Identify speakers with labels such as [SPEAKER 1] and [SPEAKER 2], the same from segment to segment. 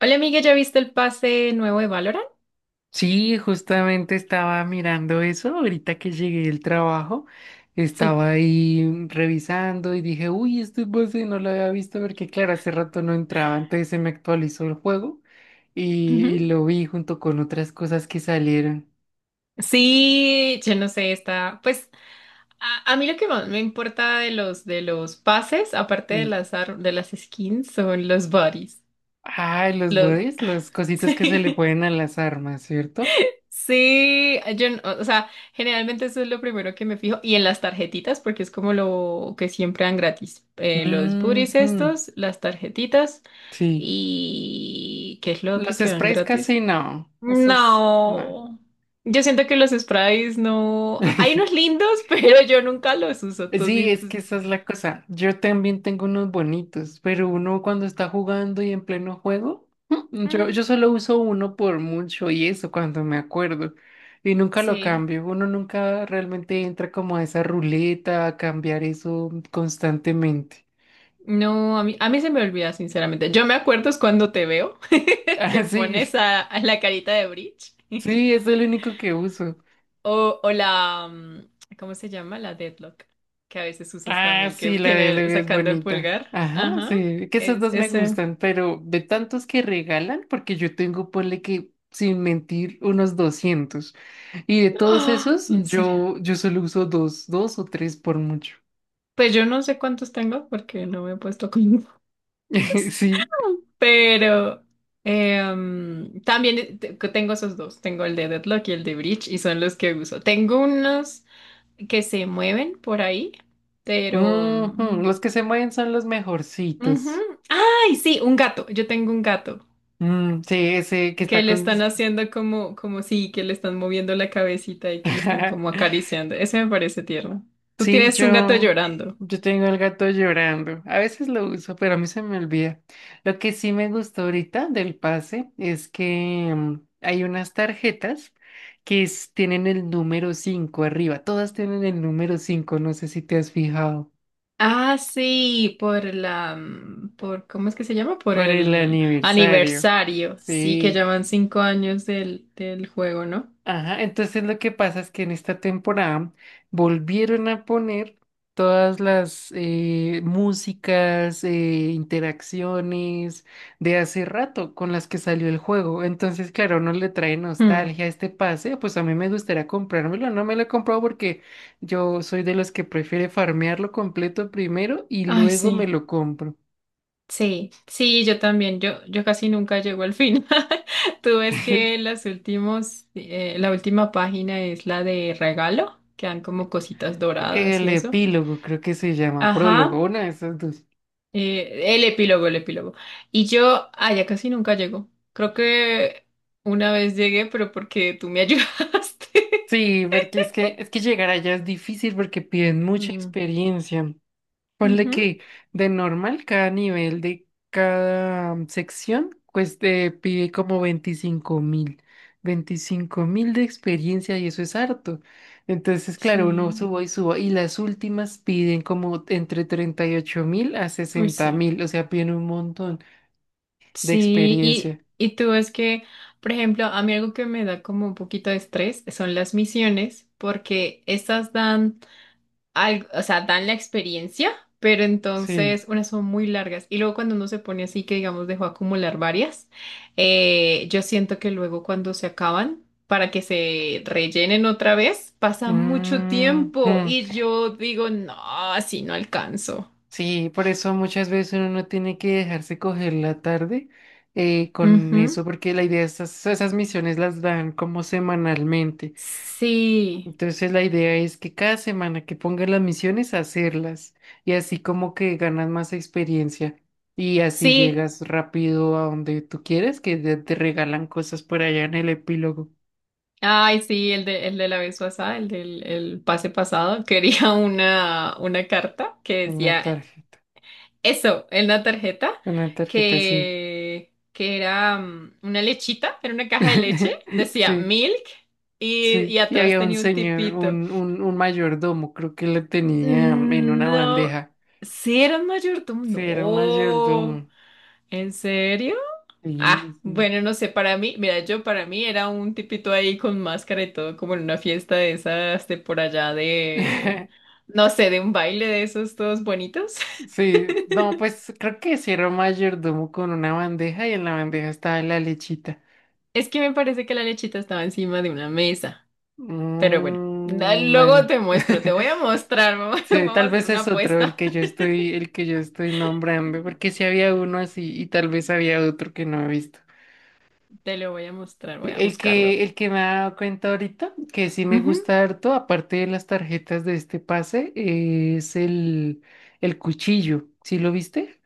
[SPEAKER 1] Hola amiga, ¿ya viste el pase nuevo de Valorant?
[SPEAKER 2] Sí, justamente estaba mirando eso ahorita que llegué del trabajo.
[SPEAKER 1] Sí.
[SPEAKER 2] Estaba ahí revisando y dije, uy, este base no lo había visto porque, claro, hace rato no entraba, entonces se me actualizó el juego y,
[SPEAKER 1] Ujú.
[SPEAKER 2] y lo vi junto con otras cosas que salieron.
[SPEAKER 1] Sí, yo no sé, está, pues a mí lo que más me importa de los pases, aparte de
[SPEAKER 2] Y,
[SPEAKER 1] de las skins, son los bodies.
[SPEAKER 2] ay, los
[SPEAKER 1] Los
[SPEAKER 2] bodies, los cositos que se le
[SPEAKER 1] Sí.
[SPEAKER 2] ponen a las armas, ¿cierto?
[SPEAKER 1] Sí, yo, no- o sea, generalmente eso es lo primero que me fijo y en las tarjetitas porque es como lo que siempre dan gratis. Eh,
[SPEAKER 2] Ujú,
[SPEAKER 1] los booties estos, las tarjetitas
[SPEAKER 2] sí.
[SPEAKER 1] y ¿qué es lo otro
[SPEAKER 2] Los
[SPEAKER 1] que dan
[SPEAKER 2] sprays
[SPEAKER 1] gratis?
[SPEAKER 2] casi no, esos no.
[SPEAKER 1] No. Yo siento que los sprays no. Hay unos lindos, pero yo nunca los uso. ¿Tú has
[SPEAKER 2] Sí,
[SPEAKER 1] visto?
[SPEAKER 2] es que esa es la cosa. Yo también tengo unos bonitos, pero uno cuando está jugando y en pleno juego, yo,
[SPEAKER 1] Mm,
[SPEAKER 2] yo solo uso uno por mucho y eso cuando me acuerdo. Y nunca lo
[SPEAKER 1] sí.
[SPEAKER 2] cambio. Uno nunca realmente entra como a esa ruleta a cambiar eso constantemente.
[SPEAKER 1] No, a mí se me olvida, sinceramente. Yo me acuerdo es cuando te veo que
[SPEAKER 2] Ah,
[SPEAKER 1] pones
[SPEAKER 2] sí,
[SPEAKER 1] a la carita de Breach.
[SPEAKER 2] sí, es el único que uso.
[SPEAKER 1] ¿Cómo se llama? La Deadlock. Que a veces usas
[SPEAKER 2] Ah,
[SPEAKER 1] también, que
[SPEAKER 2] sí, la de
[SPEAKER 1] tiene
[SPEAKER 2] Lego es
[SPEAKER 1] sacando el
[SPEAKER 2] bonita.
[SPEAKER 1] pulgar.
[SPEAKER 2] Ajá,
[SPEAKER 1] Ajá.
[SPEAKER 2] sí, que esas
[SPEAKER 1] Es,
[SPEAKER 2] dos me
[SPEAKER 1] ese.
[SPEAKER 2] gustan, pero de tantos que regalan, porque yo tengo, ponle que, sin mentir, unos 200. Y de todos
[SPEAKER 1] ¡Ah!
[SPEAKER 2] esos,
[SPEAKER 1] ¿En serio?
[SPEAKER 2] yo solo uso dos, o tres por mucho.
[SPEAKER 1] Pues yo no sé cuántos tengo porque no me he puesto con.
[SPEAKER 2] Sí,
[SPEAKER 1] Pero también tengo esos dos, tengo el de Deadlock y el de Breach y son los que uso. Tengo unos que se mueven por ahí. pero...
[SPEAKER 2] ujú.
[SPEAKER 1] mm,
[SPEAKER 2] Los que se mueven son los
[SPEAKER 1] Ujú.
[SPEAKER 2] mejorcitos.
[SPEAKER 1] ¡Ay, sí! Un gato, yo tengo un gato
[SPEAKER 2] Mm, sí, ese que
[SPEAKER 1] que
[SPEAKER 2] está
[SPEAKER 1] le
[SPEAKER 2] con...
[SPEAKER 1] están haciendo como sí, que le están moviendo la cabecita y que le están como acariciando. Ese me parece tierno. Tú
[SPEAKER 2] Sí,
[SPEAKER 1] tienes un gato
[SPEAKER 2] yo,
[SPEAKER 1] llorando.
[SPEAKER 2] yo tengo el gato llorando. A veces lo uso, pero a mí se me olvida. Lo que sí me gustó ahorita del pase es que hay unas tarjetas tienen el número 5 arriba. Todas tienen el número 5. No sé si te has fijado.
[SPEAKER 1] Ah, sí, por la, mm, por, ¿cómo es que se llama? Por
[SPEAKER 2] Por el
[SPEAKER 1] el
[SPEAKER 2] aniversario.
[SPEAKER 1] aniversario, sí, que
[SPEAKER 2] Sí.
[SPEAKER 1] ya van 5 años del juego, ¿no?
[SPEAKER 2] Ajá, entonces lo que pasa es que en esta temporada volvieron a poner todas las músicas, interacciones de hace rato con las que salió el juego. Entonces, claro, no le trae
[SPEAKER 1] Hmm.
[SPEAKER 2] nostalgia a este pase, pues a mí me gustaría comprármelo. No me lo he comprado porque yo soy de los que prefiere farmearlo completo primero y
[SPEAKER 1] Ay,
[SPEAKER 2] luego
[SPEAKER 1] sí,
[SPEAKER 2] me lo compro.
[SPEAKER 1] sí, sí, yo también, yo casi nunca llego al final. Tú ves que la última página es la de regalo, que dan como cositas doradas y
[SPEAKER 2] El
[SPEAKER 1] eso.
[SPEAKER 2] epílogo, creo que se llama,
[SPEAKER 1] Ajá.
[SPEAKER 2] prólogo, una de esas dos.
[SPEAKER 1] El epílogo, el epílogo. Y yo, ya casi nunca llego. Creo que una vez llegué, pero porque tú me ayudaste.
[SPEAKER 2] Sí, porque es que llegar allá es difícil porque piden mucha
[SPEAKER 1] Mm.
[SPEAKER 2] experiencia. Ponle
[SPEAKER 1] Ujú.
[SPEAKER 2] que de normal cada nivel de cada sección, pues te pide como 25.000. 25.000 de experiencia y eso es harto. Entonces, claro, uno
[SPEAKER 1] Sí,
[SPEAKER 2] subo y subo. Y las últimas piden como entre 38.000 a
[SPEAKER 1] uy,
[SPEAKER 2] sesenta
[SPEAKER 1] sí.
[SPEAKER 2] mil. O sea, piden un montón de
[SPEAKER 1] Sí, y,
[SPEAKER 2] experiencia.
[SPEAKER 1] y tú es que, por ejemplo, a mí algo que me da como un poquito de estrés son las misiones, porque estas dan o sea, dan la experiencia, pero entonces
[SPEAKER 2] Sí.
[SPEAKER 1] unas son muy largas. Y luego cuando uno se pone así que, digamos, dejó acumular varias, yo siento que luego cuando se acaban, para que se rellenen otra vez, pasa mucho
[SPEAKER 2] Mm,
[SPEAKER 1] tiempo
[SPEAKER 2] mm.
[SPEAKER 1] y yo digo, no, así no alcanzo.
[SPEAKER 2] Sí, por eso muchas veces uno no tiene que dejarse coger la tarde con
[SPEAKER 1] Ujú.
[SPEAKER 2] eso, porque la idea, esas misiones las dan como semanalmente.
[SPEAKER 1] Sí,
[SPEAKER 2] Entonces la idea es que cada semana que pongan las misiones, hacerlas. Y así como que ganas más experiencia. Y así
[SPEAKER 1] sí.
[SPEAKER 2] llegas rápido a donde tú quieres, que te regalan cosas por allá en el epílogo.
[SPEAKER 1] Ay, sí, el de la vez pasada, el pase pasado, quería una carta que
[SPEAKER 2] Una
[SPEAKER 1] decía.
[SPEAKER 2] tarjeta.
[SPEAKER 1] Eso, en la tarjeta,
[SPEAKER 2] Una tarjeta, sí.
[SPEAKER 1] que era una lechita, era una caja de leche, decía
[SPEAKER 2] Sí.
[SPEAKER 1] milk y
[SPEAKER 2] Sí, y
[SPEAKER 1] atrás
[SPEAKER 2] había un
[SPEAKER 1] tenía un
[SPEAKER 2] señor,
[SPEAKER 1] tipito.
[SPEAKER 2] un mayordomo, creo que lo tenía en
[SPEAKER 1] Mm,
[SPEAKER 2] una
[SPEAKER 1] no,
[SPEAKER 2] bandeja.
[SPEAKER 1] ¿sí era un mayordomo?
[SPEAKER 2] Sí, era un
[SPEAKER 1] No,
[SPEAKER 2] mayordomo.
[SPEAKER 1] ¿en serio?
[SPEAKER 2] Sí,
[SPEAKER 1] Ah,
[SPEAKER 2] sí.
[SPEAKER 1] bueno, no sé, para mí, mira, yo para mí era un tipito ahí con máscara y todo, como en una fiesta de esas de por allá de, no sé, de un baile de esos todos bonitos.
[SPEAKER 2] Sí, no, pues creo que sí era un mayordomo con una bandeja y en la bandeja estaba la lechita.
[SPEAKER 1] Es que me parece que la lechita estaba encima de una mesa. Pero bueno,
[SPEAKER 2] Mm,
[SPEAKER 1] luego
[SPEAKER 2] bueno.
[SPEAKER 1] te voy a mostrar, vamos
[SPEAKER 2] Sí,
[SPEAKER 1] a
[SPEAKER 2] tal
[SPEAKER 1] hacer
[SPEAKER 2] vez
[SPEAKER 1] una
[SPEAKER 2] es otro
[SPEAKER 1] apuesta.
[SPEAKER 2] el que yo estoy nombrando, porque sí había uno así y tal vez había otro que no he visto.
[SPEAKER 1] Te lo voy a mostrar, voy
[SPEAKER 2] Sí.
[SPEAKER 1] a buscarlo.
[SPEAKER 2] El que me he dado cuenta ahorita, que sí me
[SPEAKER 1] Ujú.
[SPEAKER 2] gusta harto, aparte de las tarjetas de este pase, es el cuchillo. ¿Sí lo viste?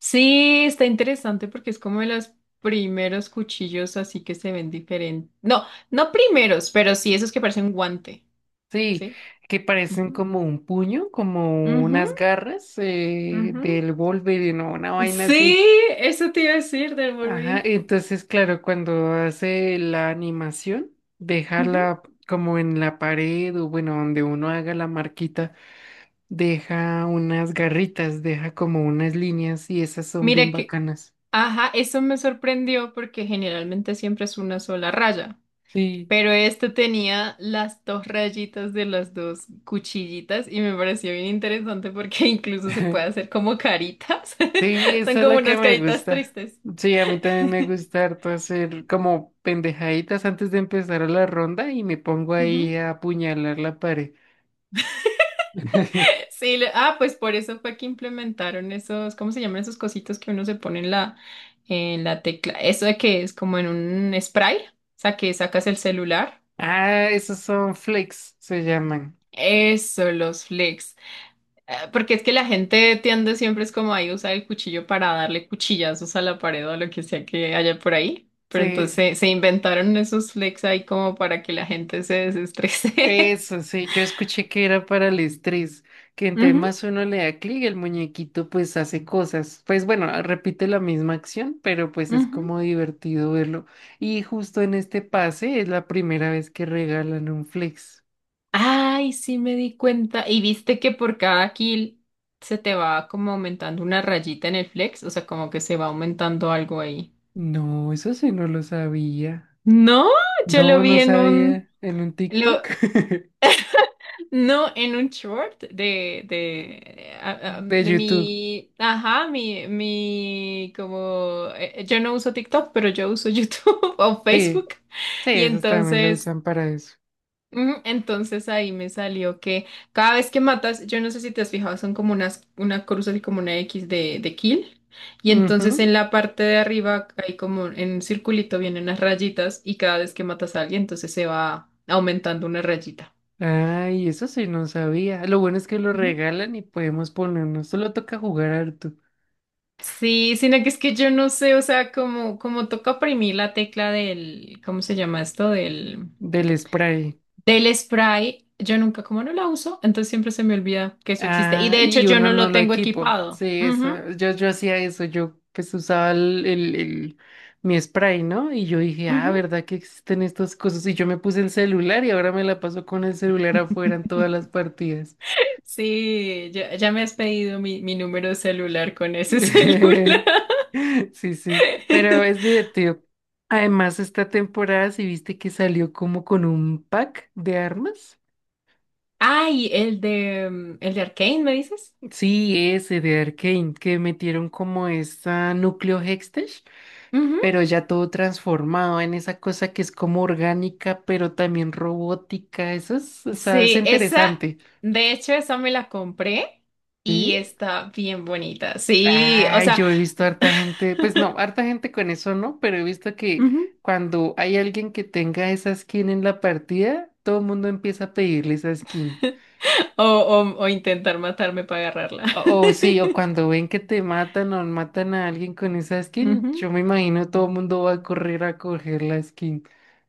[SPEAKER 1] Sí, está interesante porque es como de los primeros cuchillos así que se ven diferentes. No, no primeros, pero sí esos que parecen guante,
[SPEAKER 2] Sí,
[SPEAKER 1] ¿sí?
[SPEAKER 2] que parecen
[SPEAKER 1] Ujú.
[SPEAKER 2] como un puño, como
[SPEAKER 1] Ujú,
[SPEAKER 2] unas garras
[SPEAKER 1] ujú.
[SPEAKER 2] del Wolverine o una vaina
[SPEAKER 1] Sí,
[SPEAKER 2] así.
[SPEAKER 1] eso te iba a decir del
[SPEAKER 2] Ajá,
[SPEAKER 1] Wolverine.
[SPEAKER 2] entonces claro, cuando hace la animación,
[SPEAKER 1] Ujú.
[SPEAKER 2] dejarla como en la pared o bueno, donde uno haga la marquita. Deja unas garritas, deja como unas líneas y esas son bien
[SPEAKER 1] Mira que,
[SPEAKER 2] bacanas.
[SPEAKER 1] ajá, eso me sorprendió porque generalmente siempre es una sola raya.
[SPEAKER 2] Sí,
[SPEAKER 1] Pero este tenía las dos rayitas de las dos cuchillitas y me pareció bien interesante porque incluso se puede hacer como caritas.
[SPEAKER 2] sí,
[SPEAKER 1] Son
[SPEAKER 2] eso es
[SPEAKER 1] como
[SPEAKER 2] lo que
[SPEAKER 1] unas
[SPEAKER 2] me
[SPEAKER 1] caritas
[SPEAKER 2] gusta.
[SPEAKER 1] tristes.
[SPEAKER 2] Sí, a mí también me gusta harto hacer como pendejaditas antes de empezar a la ronda y me pongo
[SPEAKER 1] Ujú.
[SPEAKER 2] ahí a apuñalar la pared.
[SPEAKER 1] Sí, pues por eso fue que implementaron esos. ¿Cómo se llaman esos cositos que uno se pone en la tecla? Eso de que es como en un spray, o sea, que sacas el celular.
[SPEAKER 2] Ah, esos son flakes, se llaman.
[SPEAKER 1] Eso, los flex. Porque es que la gente tiende siempre es como ahí usar el cuchillo para darle cuchillazos a la pared o a lo que sea que haya por ahí. Pero entonces
[SPEAKER 2] Sí.
[SPEAKER 1] se inventaron esos flex ahí como para que la gente se desestrese.
[SPEAKER 2] Eso sí, yo escuché que era para el estrés, que entre
[SPEAKER 1] Ujú,
[SPEAKER 2] más uno le da clic, el muñequito pues hace cosas. Pues bueno, repite la misma acción, pero pues es
[SPEAKER 1] ujú.
[SPEAKER 2] como divertido verlo. Y justo en este pase es la primera vez que regalan un flex.
[SPEAKER 1] Ay, sí me di cuenta. Y viste que por cada kill se te va como aumentando una rayita en el flex, o sea, como que se va aumentando algo ahí.
[SPEAKER 2] No, eso sí no lo sabía.
[SPEAKER 1] No, yo lo
[SPEAKER 2] No,
[SPEAKER 1] vi
[SPEAKER 2] no
[SPEAKER 1] en un,
[SPEAKER 2] sabía. En un
[SPEAKER 1] lo,
[SPEAKER 2] TikTok
[SPEAKER 1] no, en un short
[SPEAKER 2] de
[SPEAKER 1] de
[SPEAKER 2] YouTube.
[SPEAKER 1] mi, ajá, mi, como, yo no uso TikTok, pero yo uso YouTube o Facebook.
[SPEAKER 2] Sí, sí,
[SPEAKER 1] Y
[SPEAKER 2] esos también lo usan para eso.
[SPEAKER 1] entonces ahí me salió que cada vez que matas, yo no sé si te has fijado, son como una cruz así como una X de kill. Y entonces
[SPEAKER 2] Ujú.
[SPEAKER 1] en la parte de arriba hay como en un circulito vienen unas rayitas y cada vez que matas a alguien, entonces se va aumentando una rayita.
[SPEAKER 2] Ay, eso sí no sabía. Lo bueno es que lo regalan y podemos ponernos. Solo toca jugar harto
[SPEAKER 1] Sí, sino que es que yo no sé, o sea, como, toca oprimir la tecla del. ¿Cómo se llama esto? Del,
[SPEAKER 2] del spray.
[SPEAKER 1] del spray, yo nunca, como no la uso, entonces siempre se me olvida que eso existe. Y
[SPEAKER 2] Ah,
[SPEAKER 1] de hecho
[SPEAKER 2] y
[SPEAKER 1] yo no
[SPEAKER 2] uno no
[SPEAKER 1] lo
[SPEAKER 2] lo
[SPEAKER 1] tengo
[SPEAKER 2] equipo.
[SPEAKER 1] equipado.
[SPEAKER 2] Sí,
[SPEAKER 1] Ujú,
[SPEAKER 2] eso. Yo hacía eso. Yo pues usaba mi spray, ¿no? Y yo dije, ah,
[SPEAKER 1] ujú.
[SPEAKER 2] ¿verdad que existen estas cosas? Y yo me puse el celular y ahora me la paso con el celular afuera en todas las partidas.
[SPEAKER 1] Sí, ya me has pedido mi número de celular con ese celular.
[SPEAKER 2] Sí, sí, pero es divertido. Además, esta temporada, ¿si viste que salió como con un pack de armas?
[SPEAKER 1] Ay, el de Arcane, ¿me dices?
[SPEAKER 2] Sí, ese de Arcane, que metieron como esta núcleo Hextech, pero ya todo transformado en esa cosa que es como orgánica, pero también robótica. Eso es, o sea, es
[SPEAKER 1] Sí, esa,
[SPEAKER 2] interesante.
[SPEAKER 1] de hecho, esa me la compré y
[SPEAKER 2] ¿Sí?
[SPEAKER 1] está bien bonita. Sí, o
[SPEAKER 2] Ay,
[SPEAKER 1] sea,
[SPEAKER 2] yo he visto harta gente, pues no, harta gente con eso no, pero he visto que
[SPEAKER 1] ujú,
[SPEAKER 2] cuando hay alguien que tenga esa skin en la partida, todo el mundo empieza a pedirle esa skin.
[SPEAKER 1] O intentar matarme para agarrarla.
[SPEAKER 2] O sí, o cuando ven que te matan o matan a alguien con esa skin,
[SPEAKER 1] Ujú.
[SPEAKER 2] yo me imagino todo el mundo va a correr a coger la skin.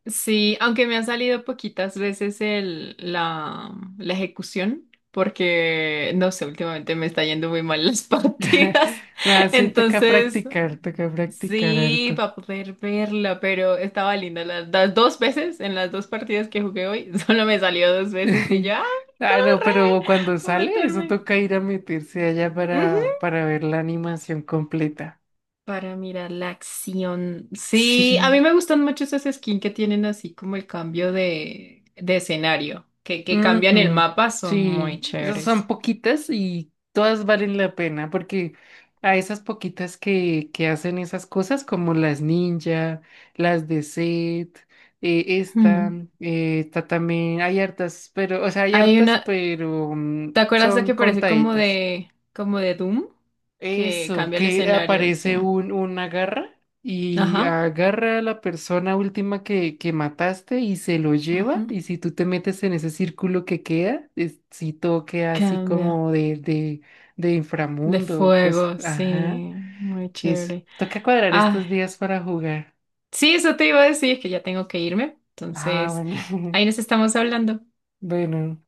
[SPEAKER 1] Sí, aunque me han salido poquitas veces la ejecución, porque, no sé, últimamente me está yendo muy mal las partidas.
[SPEAKER 2] Nada, sí,
[SPEAKER 1] Entonces,
[SPEAKER 2] toca practicar
[SPEAKER 1] sí,
[SPEAKER 2] harto.
[SPEAKER 1] para poder verla, pero estaba linda. Las dos veces, en las dos partidas que jugué hoy, solo me salió dos veces y ya,
[SPEAKER 2] Ah, no,
[SPEAKER 1] ¡corre!
[SPEAKER 2] pero cuando
[SPEAKER 1] A
[SPEAKER 2] sale, eso
[SPEAKER 1] meterme.
[SPEAKER 2] toca ir a meterse allá
[SPEAKER 1] Ujú.
[SPEAKER 2] para, ver la animación completa.
[SPEAKER 1] Para mirar la acción. Sí, a mí
[SPEAKER 2] Sí,
[SPEAKER 1] me gustan mucho esas skins que tienen así como el cambio de escenario, que cambian el
[SPEAKER 2] ujú.
[SPEAKER 1] mapa, son muy
[SPEAKER 2] Sí, esas son
[SPEAKER 1] chéveres.
[SPEAKER 2] poquitas y todas valen la pena porque a esas poquitas que hacen esas cosas como las ninja, las de Set, esta,
[SPEAKER 1] Ujú.
[SPEAKER 2] esta también, hay hartas, pero, o sea, hay
[SPEAKER 1] Hay
[SPEAKER 2] hartas,
[SPEAKER 1] una,
[SPEAKER 2] pero mm,
[SPEAKER 1] ¿te acuerdas de
[SPEAKER 2] son
[SPEAKER 1] que parece como
[SPEAKER 2] contaditas.
[SPEAKER 1] de, como de Doom? Que
[SPEAKER 2] Eso,
[SPEAKER 1] cambia el
[SPEAKER 2] que
[SPEAKER 1] escenario, sí.
[SPEAKER 2] aparece un, una garra y
[SPEAKER 1] Ajá.
[SPEAKER 2] agarra a la persona última que mataste y se lo lleva. Y si tú te metes en ese círculo que queda, es- si todo queda así
[SPEAKER 1] Cambia.
[SPEAKER 2] como de, de
[SPEAKER 1] De
[SPEAKER 2] inframundo, cosa.
[SPEAKER 1] fuego,
[SPEAKER 2] Ajá,
[SPEAKER 1] sí. Muy
[SPEAKER 2] eso.
[SPEAKER 1] chévere.
[SPEAKER 2] Toca cuadrar
[SPEAKER 1] Ah,
[SPEAKER 2] estos días para jugar.
[SPEAKER 1] sí, eso te iba a decir, que ya tengo que irme.
[SPEAKER 2] Ah,
[SPEAKER 1] Entonces,
[SPEAKER 2] bueno.
[SPEAKER 1] ahí nos estamos hablando.
[SPEAKER 2] Bueno.